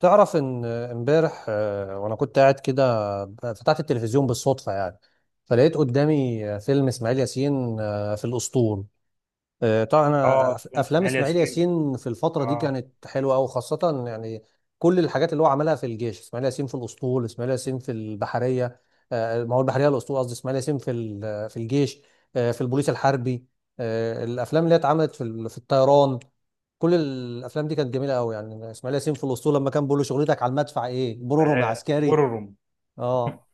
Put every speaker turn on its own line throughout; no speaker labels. تعرف ان امبارح وانا كنت قاعد كده. فتحت التلفزيون بالصدفه يعني. فلقيت قدامي فيلم اسماعيل ياسين في الاسطول. طبعا
اه،
انا
افلام
افلام
اسماعيل
اسماعيل
ياسين.
ياسين في الفتره دي
اه.
كانت حلوه قوي خاصه يعني. كل الحاجات اللي هو عملها في الجيش، اسماعيل ياسين في الاسطول، اسماعيل ياسين في البحريه. ما هو البحريه الاسطول قصدي اسماعيل ياسين في الجيش، في البوليس الحربي، الافلام اللي هي اتعملت في الطيران. كل الافلام دي كانت جميله قوي يعني. اسماعيل ياسين في الاسطول لما كان بيقول له شغلتك على المدفع ايه، برورو مع عسكري.
بورروم.
اه،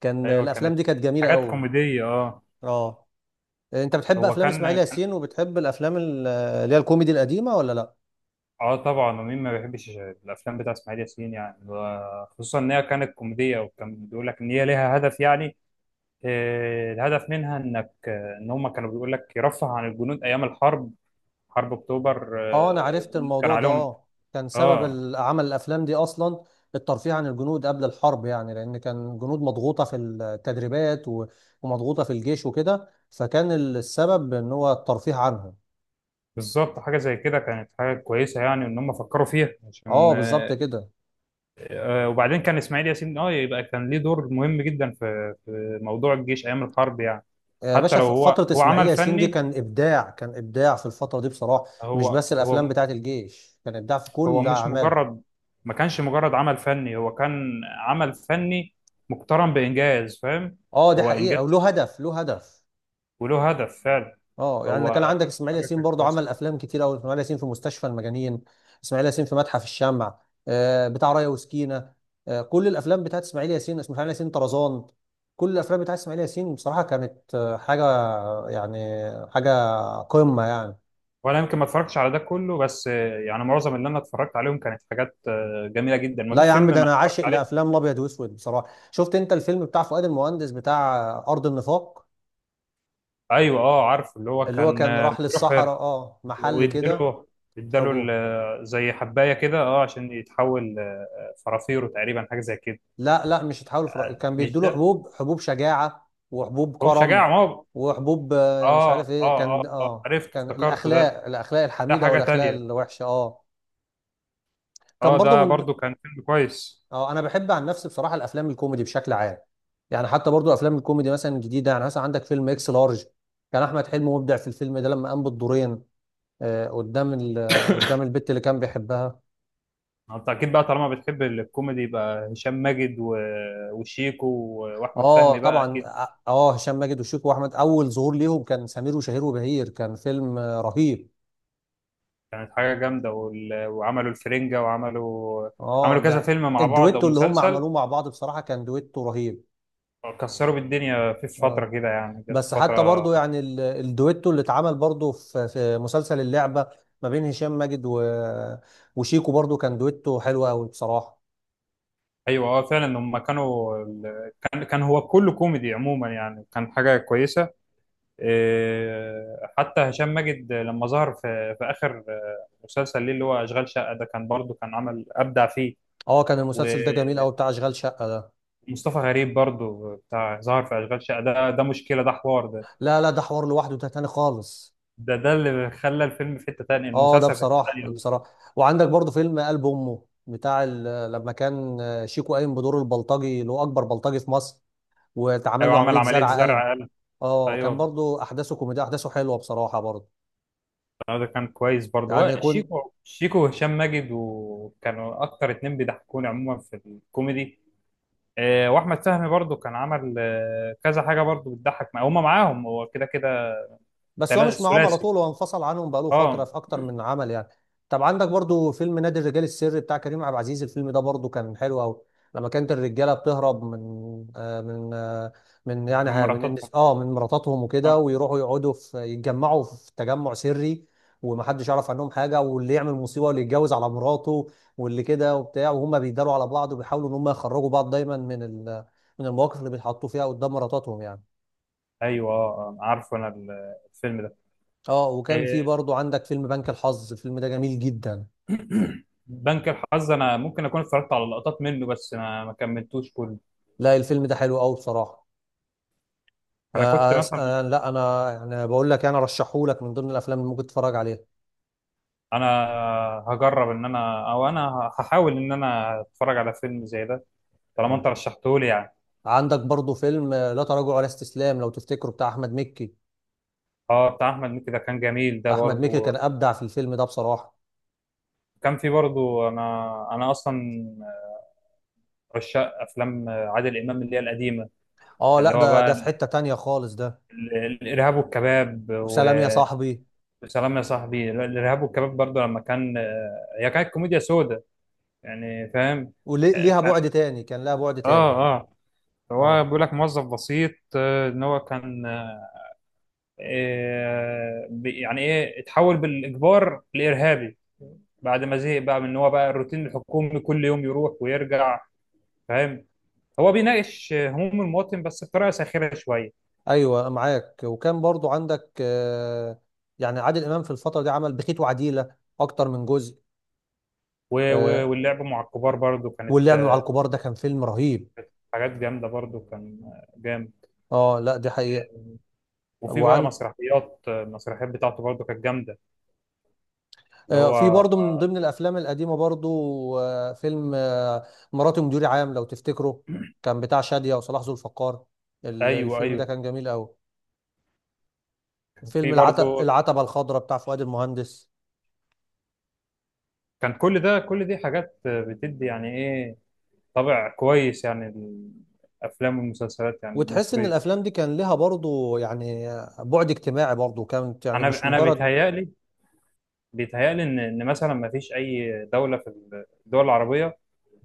كان
ايوه،
الافلام
كانت
دي كانت جميله
حاجات
قوي.
كوميديه. اه.
اه، انت بتحب
هو
افلام اسماعيل
كان
ياسين وبتحب الافلام اللي هي الكوميدي القديمه ولا لا؟
اه، طبعا. ومين ما بيحبش الافلام بتاع اسماعيل ياسين؟ يعني خصوصا ان هي كانت كوميديه، وكان بيقول لك ان هي ليها هدف يعني. الهدف منها انك ان هم كانوا بيقول لك يرفه عن الجنود ايام الحرب. حرب اكتوبر.
اه، انا عرفت
الجنود كان
الموضوع ده.
عليهم.
اه، كان سبب
اه،
عمل الافلام دي اصلا الترفيه عن الجنود قبل الحرب يعني، لان كان الجنود مضغوطه في التدريبات و- ومضغوطه في الجيش وكده، فكان السبب ان هو الترفيه عنهم.
بالظبط حاجه زي كده، كانت حاجه كويسه يعني ان هم فكروا فيها
اه،
عشان
بالظبط كده.
وبعدين كان اسماعيل ياسين، يبقى كان ليه دور مهم جدا في موضوع الجيش ايام الحرب يعني.
يا
حتى
باشا،
لو هو
فترة
هو
إسماعيل
عمل
ياسين دي
فني.
كان إبداع، كان إبداع في الفترة دي بصراحة. مش
هو
بس الأفلام
هو.
بتاعت الجيش، كان إبداع في
هو
كل
مش
أعماله.
مجرد ما كانش مجرد عمل فني، هو كان عمل فني مقترن بانجاز. فاهم؟
أه، دي
هو
حقيقة،
انجاز،
وله هدف، له هدف.
وله هدف فعلا.
أه يعني كان
هو
عندك إسماعيل
حاجه
ياسين
كانت
برضو
كويسه.
عمل أفلام كتير أوي. إسماعيل ياسين في مستشفى المجانين، إسماعيل ياسين في متحف الشمع، آه بتاع رايا وسكينة، آه كل الأفلام بتاعت إسماعيل ياسين، إسماعيل ياسين طرزان. كل الأفلام بتاعت إسماعيل ياسين بصراحة كانت حاجة يعني، حاجة قمة يعني.
وانا يمكن ما اتفرجتش على ده كله، بس يعني معظم اللي انا اتفرجت عليهم كانت حاجات جميله جدا. ما
لا يا
فيش
عم،
فيلم
ده
ما
انا
اتفرجت
عاشق
عليه.
لافلام الابيض واسود بصراحه. شفت انت الفيلم بتاع فؤاد المهندس بتاع ارض النفاق؟
ايوه. اه، عارف اللي هو
اللي هو
كان
كان راح
بيروح.
للصحراء، اه محل كده.
ويديله
حبوب،
زي حبايه كده، اه، عشان يتحول فرافيرو تقريبا، حاجه زي كده.
لا لا، مش هتحاول فر... كان
مش
بيدوله
ده،
حبوب، حبوب شجاعه وحبوب
هو
كرم
شجاع ما هو.
وحبوب مش
اه، اه،
عارف ايه، كان
اه، اه،
اه
عرفت
كان
افتكرته ده.
الاخلاق، الاخلاق
ده
الحميده
حاجه
والاخلاق
تانية.
الوحشه اه. كان
اه،
برضو
ده
من،
برضو كان فيلم كويس.
اه انا بحب عن نفسي بصراحه الافلام الكوميدي بشكل عام يعني. حتى برضو افلام الكوميدي مثلا الجديده، يعني مثلا عندك فيلم اكس لارج، كان احمد حلمي مبدع في الفيلم ده لما قام بالدورين، آه، قدام ال- آه، قدام البت اللي كان بيحبها.
انت اكيد بقى، طالما بتحب الكوميدي، يبقى هشام ماجد وشيكو واحمد
اه
فهمي، بقى
طبعا،
اكيد.
اه هشام ماجد وشيكو واحمد، اول ظهور ليهم كان سمير وشهير وبهير، كان فيلم رهيب.
كانت حاجه جامده. وعملوا الفرنجه، وعملوا
اه
عملوا كذا
ده،
فيلم مع بعض او
الدويتو اللي هم
مسلسل.
عملوه مع بعض بصراحه كان دويتو رهيب.
كسروا بالدنيا في
اه،
فتره كده، يعني جت
بس حتى
فتره.
برضو يعني الدويتو اللي اتعمل برضو في في مسلسل اللعبة، ما بين هشام ماجد و... وشيكو، برضو كان دويتو حلو قوي بصراحة.
ايوه. اه، فعلا هم كانوا كان هو كله كوميدي عموما، يعني كان حاجه كويسه. إيه، حتى هشام ماجد لما ظهر في اخر مسلسل ليه، اللي هو اشغال شقه ده، كان برضه كان عمل ابدع فيه.
اه، كان المسلسل ده جميل
ومصطفى
قوي بتاع اشغال شقة ده.
غريب برضه بتاع ظهر في اشغال شقه ده، ده مشكله، ده حوار ده.
لا لا، ده حوار لوحده، ده تاني خالص.
ده اللي خلى الفيلم في حته تانيه،
اه، ده
المسلسل في حته تانيه.
بصراحة، بصراحة. وعندك برضو فيلم قلب امه بتاع ال... لما كان شيكو قايم بدور البلطجي اللي هو اكبر بلطجي في مصر واتعمل
ايوه،
له
عمل
عملية
عمليه
زرع قلب.
زرع قلب.
اه، كان
ايوه.
برضو احداثه كوميديا، احداثه حلوة بصراحة برضو
ده كان كويس برضه.
يعني. كنت،
شيكو وهشام ماجد، وكانوا اكتر اتنين بيضحكوني عموما في الكوميدي. واحمد فهمي برضه كان عمل كذا حاجه برضه بتضحك مع هما معاهم، هو كده كده.
بس هو مش معاهم على
الثلاثي.
طول، هو انفصل عنهم بقاله فترة
اه.
في أكتر من عمل يعني. طب عندك برضو فيلم نادي الرجال السري بتاع كريم عبد العزيز، الفيلم ده برضو كان حلو أوي. لما كانت الرجالة بتهرب من آه من آه يعني
من مراتاتهم.
اه من مراتاتهم وكده،
اه.
ويروحوا يقعدوا في يتجمعوا في تجمع سري ومحدش يعرف عنهم حاجة، واللي يعمل مصيبة واللي يتجوز على مراته واللي كده وبتاع، وهم بيداروا على بعض وبيحاولوا إن هم يخرجوا بعض دايما من من المواقف اللي بيتحطوا فيها قدام مراتاتهم يعني.
ايوه. اه، عارفه انا الفيلم ده.
اه، وكان
آه،
في برضو عندك فيلم بنك الحظ، الفيلم ده جميل جدا.
بنك الحظ، انا ممكن اكون اتفرجت على لقطات منه، بس انا ما كملتوش كله.
لا، الفيم ده حلو قوي بصراحة.
انا كنت مثلا
لا انا يعني بقول لك انا رشحه لك من ضمن الافلام اللي ممكن تتفرج عليها.
انا هجرب ان انا او انا هحاول ان انا اتفرج على فيلم زي ده، طالما
اه،
انت رشحته لي يعني.
عندك برضو فيلم لا تراجع ولا استسلام، لو تفتكره، بتاع احمد مكي.
اه، بتاع احمد مكي ده كان جميل، ده
احمد مكي كان
برضو.
ابدع في الفيلم ده بصراحة.
كان في برضو انا اصلا عشاق افلام عادل امام اللي هي القديمه.
اه
اللي
لا،
هو
ده ده
بقى
في حتة تانية خالص ده.
الارهاب والكباب.
وسلام يا صاحبي،
وسلام يا صاحبي. الارهاب والكباب برضو، لما كان هي كانت كوميديا سودا، يعني، فاهم؟
وليها
كان.
بعد تاني، كان لها بعد تاني.
اه اه هو
اه
بيقول لك موظف بسيط، ان هو كان يعني ايه، اتحول بالاجبار لارهابي. بعد ما زهق بقى من ان هو بقى الروتين الحكومي كل يوم يروح ويرجع. فاهم؟ هو بيناقش هموم المواطن، بس بطريقه ساخره شويه.
ايوه معاك. وكان برضو عندك يعني عادل امام في الفترة دي عمل بخيت وعديلة اكتر من جزء. آه،
واللعب مع الكبار برضو كانت
واللعب مع الكبار ده كان فيلم رهيب.
حاجات جامده برضو، كان جامد.
اه، لا دي حقيقة.
وفي بقى
وعن
مسرحيات. المسرحيات بتاعته برضو كانت جامده. اللي
في
هو
برضه من ضمن الافلام القديمة برضه فيلم مراتي مديري عام لو تفتكره، كان بتاع شادية وصلاح ذو الفقار.
ايوه،
الفيلم ده
ايوه.
كان جميل قوي.
كان في
فيلم
برضو.
العتبة الخضراء بتاع فؤاد المهندس.
كان كل دي حاجات، بتدي يعني ايه، طابع كويس يعني، الافلام والمسلسلات يعني
وتحس ان
المصريه.
الافلام دي كان لها برضه يعني بعد اجتماعي برضه، كانت يعني مش
انا
مجرد.
بيتهيألي ان مثلا ما فيش اي دوله في الدول العربيه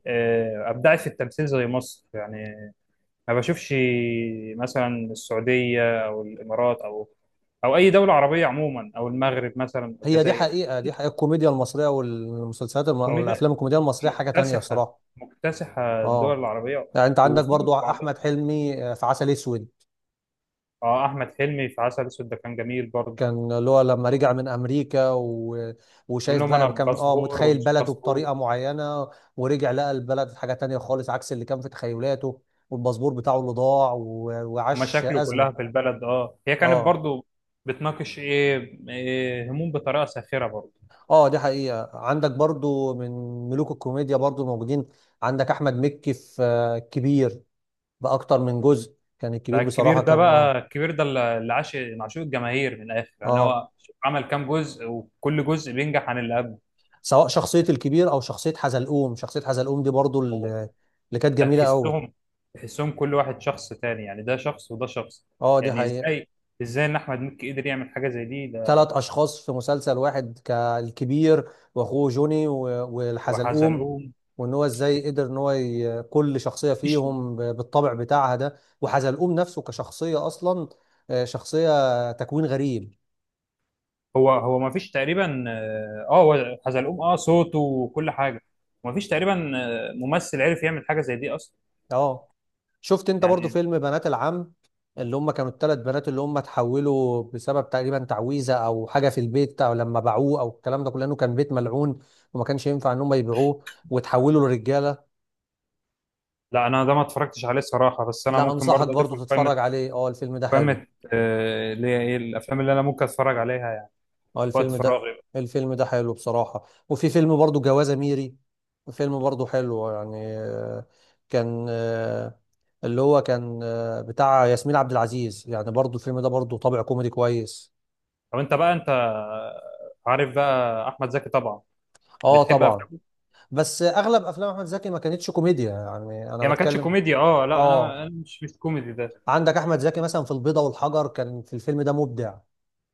ابدعت في التمثيل زي مصر يعني. ما بشوفش مثلا السعوديه او الامارات او اي دوله عربيه عموما، او المغرب مثلا، او
هي دي
الجزائر.
حقيقة، دي
في
حقيقة. الكوميديا المصرية والمسلسلات
كوميديا
والافلام الكوميدية المصرية حاجة تانية
مكتسحه،
الصراحة.
مكتسحه الدول
اه
العربيه.
يعني انت عندك
وفي
برضو
بعضها.
احمد حلمي في عسل اسود.
اه، احمد حلمي في عسل اسود ده كان جميل برضه.
كان اللي هو لما رجع من امريكا و...
بيقول
وشايف
لهم انا
بقى، كان اه
باسبور
متخيل
ومش
بلده
باسبور.
بطريقه معينه، ورجع لقى البلد حاجه تانية خالص عكس اللي كان في تخيلاته، والباسبور بتاعه اللي ضاع و... وعاش
ومشاكله كلها في
ازمه.
البلد. اه، هي كانت
اه
برضو بتناقش إيه هموم بطريقه ساخره برضو.
اه، دي حقيقه. عندك برضو من ملوك الكوميديا برضو موجودين، عندك احمد مكي في كبير، باكتر من جزء، كان
ده
الكبير
الكبير
بصراحه
ده،
كان
بقى
اه.
الكبير ده اللي عاش من عشوق الجماهير من الاخر، يعني
اه،
هو عمل كام جزء، وكل جزء بينجح عن اللي قبله.
سواء شخصية الكبير أو شخصية حزلقوم، شخصية حزلقوم دي برضو
هو
اللي كانت
ده
جميلة أوي.
تحسهم كل واحد شخص تاني، يعني ده شخص وده شخص.
أه، دي
يعني
حقيقة.
ازاي ان احمد مكي قدر يعمل حاجه زي دي ده.
ثلاث أشخاص في مسلسل واحد، كالكبير وأخوه جوني والحزلقوم،
وحزلقوم،
وإن هو إزاي قدر إن هو كل شخصية
مفيش.
فيهم بالطبع بتاعها ده، وحزلقوم نفسه كشخصية أصلا شخصية تكوين غريب.
هو هو ما فيش تقريبا، اه، هو حزلقوم، اه، صوته وكل حاجه. ما فيش تقريبا ممثل عرف يعمل حاجه زي دي اصلا،
أه، شفت انت برضو
يعني.
فيلم بنات العم، اللي هم كانوا الثلاث بنات اللي هم اتحولوا بسبب تقريبا تعويذه او حاجه في البيت او لما باعوه او الكلام ده كله، لانه كان بيت ملعون وما كانش ينفع ان هم يبيعوه، وتحولوا لرجاله؟
لا، انا ده ما اتفرجتش عليه الصراحه، بس انا
لا،
ممكن
انصحك
برضه اضيفه
برضو
لقائمه.
تتفرج عليه. اه، الفيلم ده حلو.
قائمه، اللي هي ايه الافلام اللي انا ممكن اتفرج عليها، يعني
اه،
في وقت
الفيلم ده،
فراغي.
الفيلم ده حلو بصراحه. وفي فيلم برضو جوازه ميري، فيلم برضو حلو يعني. آه، كان آه، اللي هو كان آه، بتاع ياسمين عبد العزيز، يعني برضو الفيلم ده برضو طابع كوميدي كويس.
طب انت بقى، انت عارف بقى احمد زكي طبعا،
اه
بتحب
طبعا،
افلامه؟
بس اغلب افلام احمد زكي ما كانتش كوميديا يعني، انا
هي ما كانتش
بتكلم.
كوميديا. اه، لا، انا
اه،
أنا مش كوميدي ده.
عندك احمد زكي مثلا في البيضة والحجر، كان في الفيلم ده مبدع.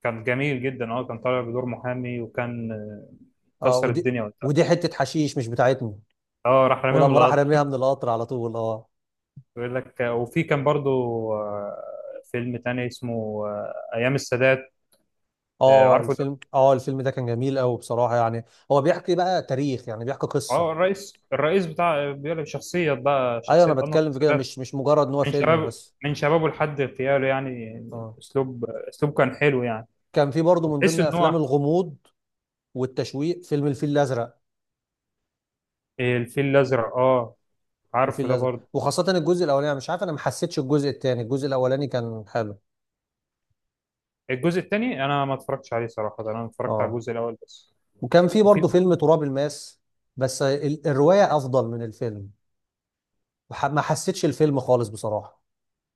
كان جميل جدا. اه، كان طالع بدور محامي، وكان
اه،
كسر
ودي
الدنيا وقتها.
ودي حتة حشيش مش بتاعتنا،
اه، راح رميهم
ولما راح
القطر.
رميها من القطر على طول اه.
بيقول لك. وفي كان برضو آه، فيلم تاني اسمه أيام السادات.
اه،
عارفه ده.
الفيلم ده كان جميل قوي بصراحة يعني. هو بيحكي بقى تاريخ، يعني بيحكي قصة.
اه، الرئيس بتاع، بيقول لك شخصية بقى،
ايوه، انا
شخصية أنور
بتكلم في كده،
السادات،
مش مش مجرد ان هو
من
فيلم
شباب
بس.
من شبابه لحد اغتياله يعني.
اه،
أسلوب كان حلو يعني.
كان في برضه من
وتحس
ضمن
إن
افلام
هو
الغموض والتشويق فيلم الفيل الازرق.
الفيل الأزرق. اه،
وفيل
عارفه ده
الازرق
برضو.
وخاصه الجزء الاولاني، مش عارف انا ما حسيتش الجزء الثاني، الجزء الاولاني كان حلو.
الجزء التاني أنا ما اتفرجتش عليه صراحة، ده أنا اتفرجت على
اه،
الجزء الأول بس.
وكان في
وفي.
برضه فيلم تراب الماس، بس الروايه افضل من الفيلم. ما حسيتش الفيلم خالص بصراحه.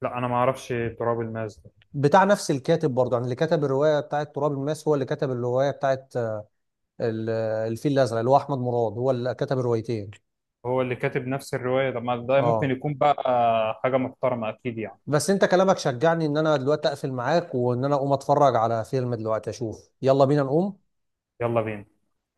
لا، أنا ما أعرفش تراب الماس ده.
بتاع نفس الكاتب برضه، يعني اللي كتب الروايه بتاعت تراب الماس هو اللي كتب الروايه بتاعت الفيل الازرق، اللي هو احمد مراد، هو اللي كتب الروايتين.
هو اللي كاتب نفس الرواية، ده ما ده ممكن
اه،
يكون بقى حاجة محترمة أكيد يعني.
بس انت كلامك شجعني ان انا دلوقتي اقفل معاك وان انا اقوم اتفرج على فيلم دلوقتي اشوف، يلا بينا نقوم.
يلا بينا.